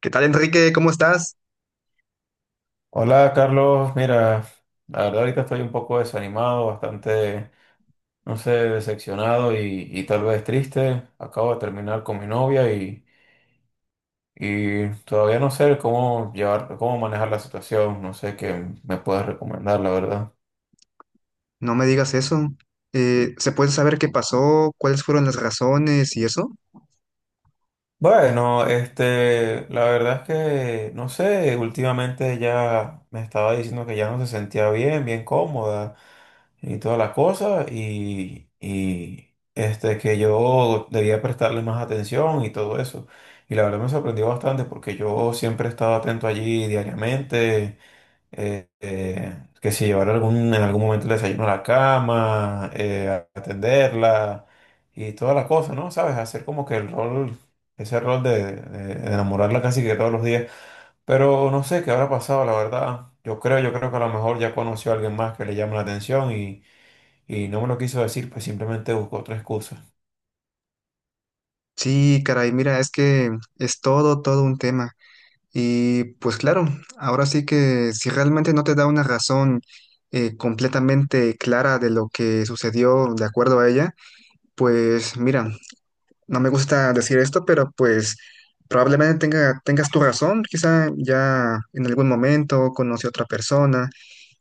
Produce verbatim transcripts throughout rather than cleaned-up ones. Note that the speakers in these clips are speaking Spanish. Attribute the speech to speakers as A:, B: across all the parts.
A: ¿Qué tal, Enrique? ¿Cómo estás?
B: Hola Carlos, mira, la verdad ahorita estoy un poco desanimado, bastante, no sé, decepcionado y, y tal vez triste. Acabo de terminar con mi novia y, y todavía no sé cómo llevar, cómo manejar la situación, no sé qué me puedes recomendar, la verdad.
A: No me digas eso. Eh, ¿se puede saber qué pasó? ¿Cuáles fueron las razones y eso?
B: Bueno, este, la verdad es que, no sé, últimamente ya me estaba diciendo que ya no se sentía bien, bien cómoda. Y toda la cosa y, y, este, que yo debía prestarle más atención y todo eso. Y la verdad me sorprendió bastante porque yo siempre he estado atento allí diariamente, eh, eh, que si llevar algún, en algún momento el desayuno a la cama, eh, atenderla y toda la cosa, ¿no? ¿Sabes? Hacer como que el rol, ese rol de, de de enamorarla casi que todos los días. Pero no sé qué habrá pasado, la verdad. Yo creo, yo creo que a lo mejor ya conoció a alguien más que le llama la atención y, y no me lo quiso decir, pues simplemente buscó otra excusa.
A: Sí, caray, mira, es que es todo, todo un tema. Y pues claro, ahora sí que si realmente no te da una razón eh, completamente clara de lo que sucedió de acuerdo a ella, pues mira, no me gusta decir esto, pero pues probablemente tenga, tengas tu razón, quizá ya en algún momento conoce a otra persona.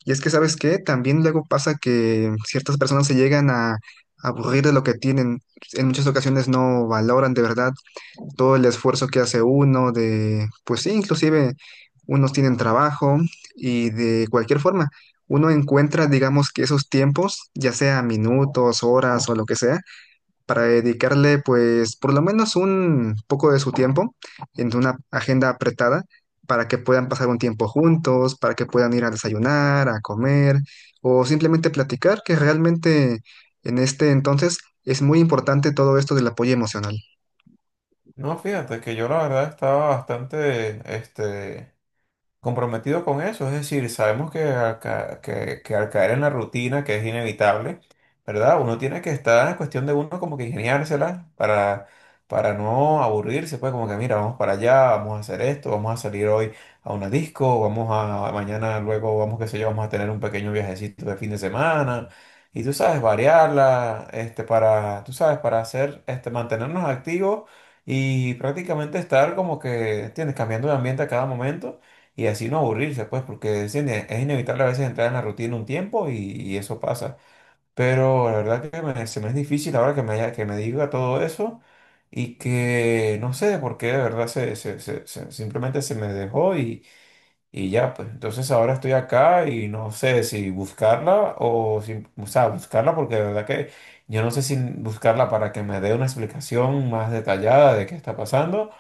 A: Y es que, ¿sabes qué? También luego pasa que ciertas personas se llegan a aburrir de lo que tienen, en muchas ocasiones no valoran de verdad todo el esfuerzo que hace uno de, pues sí, inclusive unos tienen trabajo y de cualquier forma, uno encuentra, digamos que esos tiempos, ya sea minutos, horas o lo que sea, para dedicarle pues por lo menos un poco de su tiempo en una agenda apretada, para que puedan pasar un tiempo juntos, para que puedan ir a desayunar, a comer o simplemente platicar, que realmente en este entonces es muy importante todo esto del apoyo emocional.
B: No, fíjate que yo la verdad estaba bastante, este, comprometido con eso, es decir, sabemos que al, ca- que, que al caer en la rutina, que es inevitable, ¿verdad? Uno tiene que estar, es cuestión de uno como que ingeniársela para, para no aburrirse, pues como que mira, vamos para allá, vamos a hacer esto, vamos a salir hoy a una disco, vamos a mañana, luego vamos, qué sé yo, vamos a tener un pequeño viajecito de fin de semana. Y tú sabes, variarla, este, para, tú sabes, para hacer, este, mantenernos activos y prácticamente estar como que, tienes, cambiando de ambiente a cada momento y así no aburrirse, pues, porque es, ine- es inevitable a veces entrar en la rutina un tiempo y, y eso pasa. Pero la verdad que me- se me es difícil ahora que me, haya- que me diga todo eso y que no sé por qué de verdad se, se- se- se- simplemente se me dejó y ya, pues, entonces ahora estoy acá y no sé si buscarla o si, o sea, buscarla porque de verdad que yo no sé si buscarla para que me dé una explicación más detallada de qué está pasando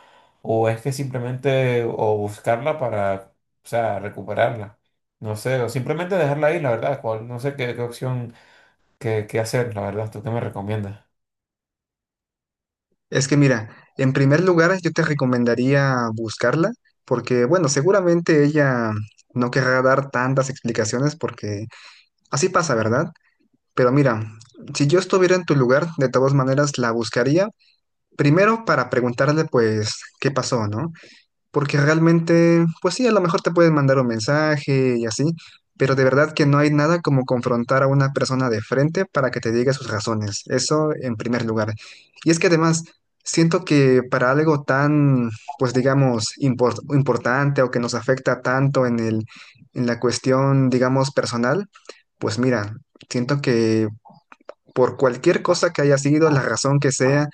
B: o es que simplemente o buscarla para, o sea, recuperarla. No sé, o simplemente dejarla ahí, la verdad, cuál, no sé qué, qué opción, qué, qué hacer, la verdad, ¿tú qué me recomiendas?
A: Es que mira, en primer lugar yo te recomendaría buscarla porque, bueno, seguramente ella no querrá dar tantas explicaciones porque así pasa, ¿verdad? Pero mira, si yo estuviera en tu lugar, de todas maneras la buscaría, primero para preguntarle pues qué pasó, ¿no? Porque realmente, pues sí, a lo mejor te pueden mandar un mensaje y así, pero de verdad que no hay nada como confrontar a una persona de frente para que te diga sus razones. Eso en primer lugar. Y es que además, siento que para algo tan, pues digamos, impor- importante o que nos afecta tanto en el, en la cuestión, digamos, personal, pues mira, siento que por cualquier cosa que haya sido, la razón que sea,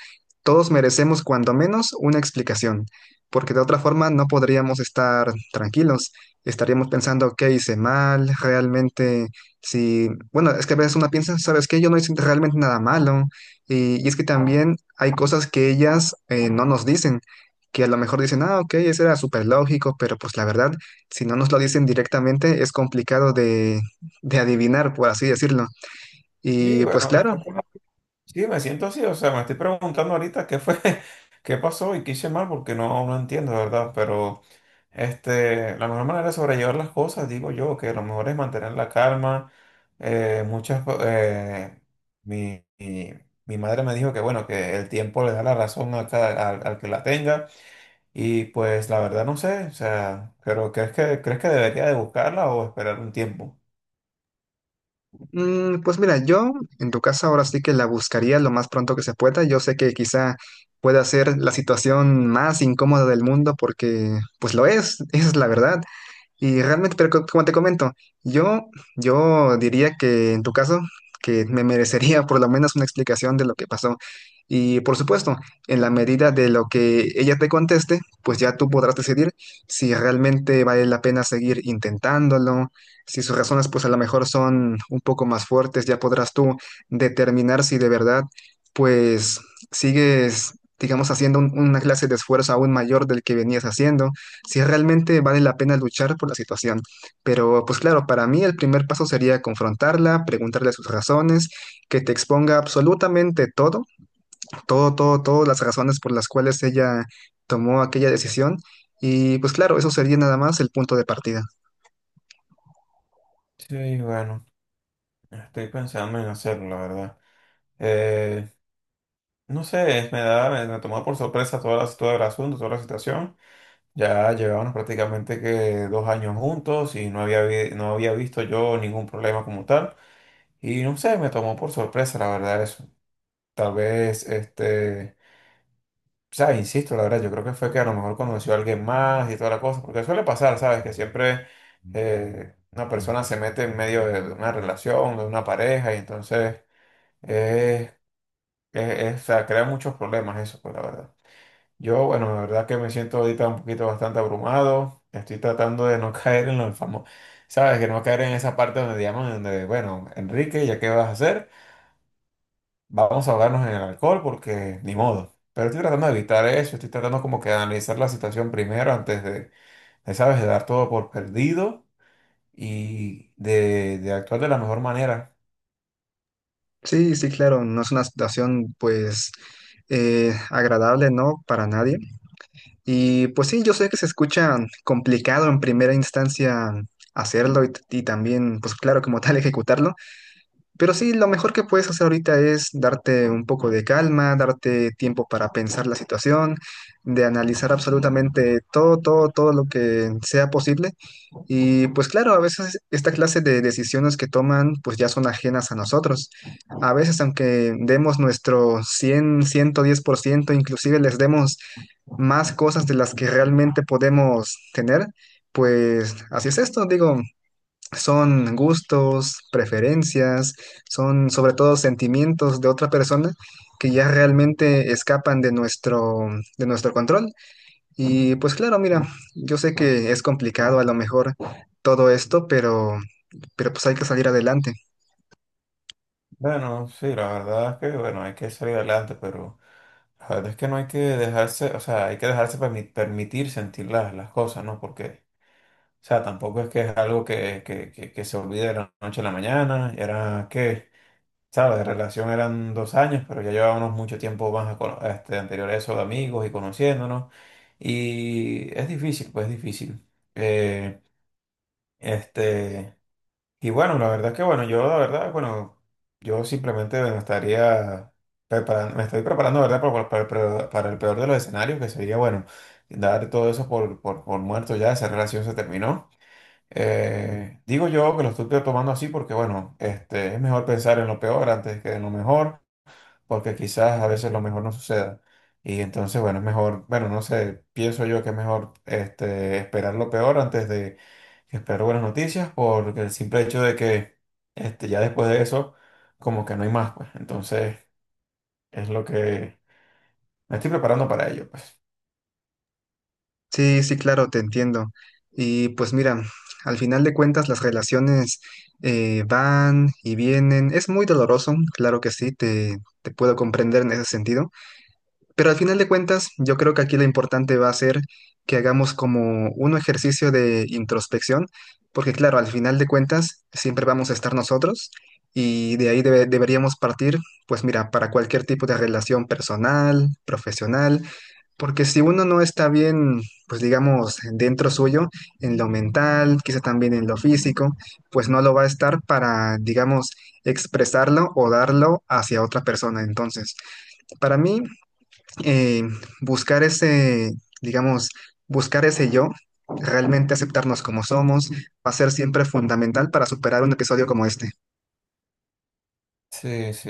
A: todos merecemos cuando menos una explicación, porque de otra forma no podríamos estar tranquilos. Estaríamos pensando, ¿qué hice mal? Realmente, si, bueno, es que a veces uno piensa, ¿sabes qué? Yo no hice realmente nada malo. Y, y es que también hay cosas que ellas eh, no nos dicen, que a lo mejor dicen, ah, ok, eso era súper lógico, pero pues la verdad, si no nos lo dicen directamente, es complicado de, de adivinar, por así decirlo.
B: Sí,
A: Y
B: bueno,
A: pues
B: de
A: claro,
B: verdad que no- sí, me siento así, o sea, me estoy preguntando ahorita qué fue, qué pasó y qué hice mal porque no, no entiendo, de verdad, pero... Este, la mejor manera de sobrellevar las cosas, digo yo, que lo mejor es mantener la calma. Eh, muchas, co- eh, mi, mi, Mi madre me dijo que, bueno, que el tiempo le da la razón a cada- al, al que la tenga. Y pues la verdad no sé, o sea, pero ¿crees que, crees que debería de buscarla o esperar un tiempo?
A: mm, pues mira, yo en tu casa ahora sí que la buscaría lo más pronto que se pueda. Yo sé que quizá pueda ser la situación más incómoda del mundo porque pues lo es, esa es la verdad. Y realmente, pero co- como te comento, yo, yo diría que en tu caso, que me merecería por lo menos una explicación de lo que pasó. Y por supuesto, en la medida de lo que ella te conteste, pues ya tú podrás decidir si realmente vale la pena seguir intentándolo, si sus razones pues a lo mejor son un poco más fuertes, ya podrás tú determinar si de verdad pues sigues, digamos, haciendo un- una clase de esfuerzo aún mayor del que venías haciendo si realmente vale la pena luchar por la situación. Pero pues claro, para mí el primer paso sería confrontarla, preguntarle sus razones, que te exponga absolutamente todo, todo, todo, todas las razones por las cuales ella tomó aquella decisión. Y pues claro, eso sería nada más el punto de partida.
B: Sí, bueno, estoy pensando en hacerlo, la verdad. Eh, no sé, me da, me, me tomó por sorpresa toda la, todo el asunto, toda la situación. Ya llevábamos prácticamente que dos años juntos y no había, vi- no había visto yo ningún problema como tal. Y no sé, me tomó por sorpresa, la verdad, eso. Tal vez, este, sabes, insisto, la verdad, yo creo que fue que a lo mejor conoció a alguien más y toda la cosa, porque suele pasar, ¿sabes? Que siempre eh, una persona se mete en medio de una relación, de una pareja, y entonces, eh, es- es- o sea, crea muchos problemas eso, pues la verdad. Yo, bueno, la verdad que me siento ahorita un poquito bastante abrumado. Estoy tratando de no caer en los famosos, ¿sabes? Que no caer en esa parte donde llaman, donde, bueno, Enrique, ¿ya qué vas a hacer? Vamos a ahogarnos en el alcohol porque ni modo. Pero estoy tratando de evitar eso, estoy tratando como que de analizar la situación primero antes de, de, ¿sabes? De dar todo por perdido y de, de actuar de la mejor manera.
A: Sí, sí, claro, no es una situación pues eh, agradable, ¿no? Para nadie. Y pues sí, yo sé que se escucha complicado en primera instancia hacerlo y, y también, pues claro, como tal, ejecutarlo, pero sí, lo mejor que puedes hacer ahorita es darte un poco de calma, darte tiempo para pensar la situación, de analizar absolutamente todo, todo, todo lo que sea posible. Y pues claro, a veces esta clase de decisiones que toman, pues ya son ajenas a nosotros. A veces, aunque demos nuestro cien ciento diez por ciento inclusive les demos más cosas de las que realmente podemos tener, pues así es esto, digo, son gustos, preferencias, son sobre todo sentimientos de otra persona que ya realmente escapan de nuestro, de nuestro control. Y pues claro, mira, yo sé que es complicado a lo mejor todo esto, pero, pero pues hay que salir adelante.
B: Bueno, sí, la verdad es que, bueno, hay que salir adelante, pero la verdad es que no hay que dejarse, o sea, hay que dejarse permi- permitir sentir las, las cosas, ¿no? Porque, o sea, tampoco es que es algo que, que, que, que se olvide de la noche a la mañana, era que, ¿sabes? De relación eran dos años, pero ya llevábamos mucho tiempo más a cono- este, anterior a eso de amigos y conociéndonos, y es difícil, pues es difícil. Eh, este... Y bueno, la verdad es que bueno, yo la verdad, bueno, yo simplemente me estaría preparando, me estoy preparando, la ¿verdad? Para, para- para- para el peor de los escenarios, que sería, bueno, dar todo eso por, por, por muerto ya, esa relación se terminó. Eh, digo yo que lo estoy tomando así porque, bueno, este, es mejor pensar en lo peor antes que en lo mejor porque quizás a veces lo mejor no suceda. Y entonces, bueno, es mejor, bueno, no sé, pienso yo que es mejor este, esperar lo peor antes de esperar buenas noticias, porque el simple hecho de que este, ya después de eso, como que no hay más, pues. Entonces, es lo que me estoy preparando para ello, pues.
A: Sí, sí, claro, te entiendo. Y pues mira, al final de cuentas las relaciones eh, van y vienen. Es muy doloroso, claro que sí, te, te puedo comprender en ese sentido. Pero al final de cuentas yo creo que aquí lo importante va a ser que hagamos como un ejercicio de introspección, porque claro, al final de cuentas siempre vamos a estar nosotros y de ahí debe- deberíamos partir, pues mira, para cualquier tipo de relación personal, profesional. Porque si uno no está bien, pues digamos, dentro suyo, en lo mental, quizá también en lo físico, pues no lo va a estar para, digamos, expresarlo o darlo hacia otra persona. Entonces, para mí, eh, buscar ese, digamos, buscar ese yo, realmente aceptarnos como somos, va a ser siempre fundamental para superar un episodio como este.
B: Sí, sí.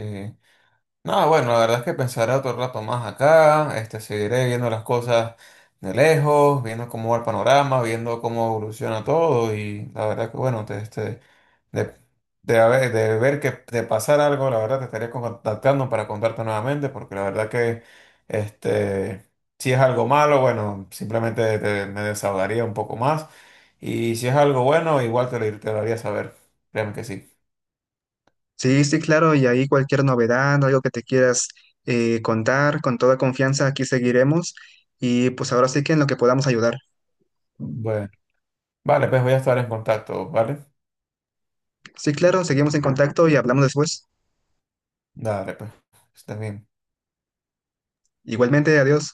B: No, bueno, la verdad es que pensaré otro rato más acá, este, seguiré viendo las cosas de lejos, viendo cómo va el panorama, viendo cómo evoluciona todo y la verdad que bueno, te, este, de, de, haber- de ver que te pasar algo, la verdad te estaría contactando para contarte nuevamente, porque la verdad que este, si es algo malo, bueno, simplemente te- me desahogaría un poco más. Y si es algo bueno, igual te lo, te lo haría saber. Créeme que sí.
A: Sí, sí, claro, y ahí cualquier novedad, ¿no? Algo que te quieras eh, contar, con toda confianza aquí seguiremos y pues ahora sí que en lo que podamos ayudar.
B: Bueno, vale, pues voy a estar en contacto, ¿vale?
A: Sí, claro, seguimos en contacto y hablamos después.
B: Dale, pues. Está bien.
A: Igualmente, adiós.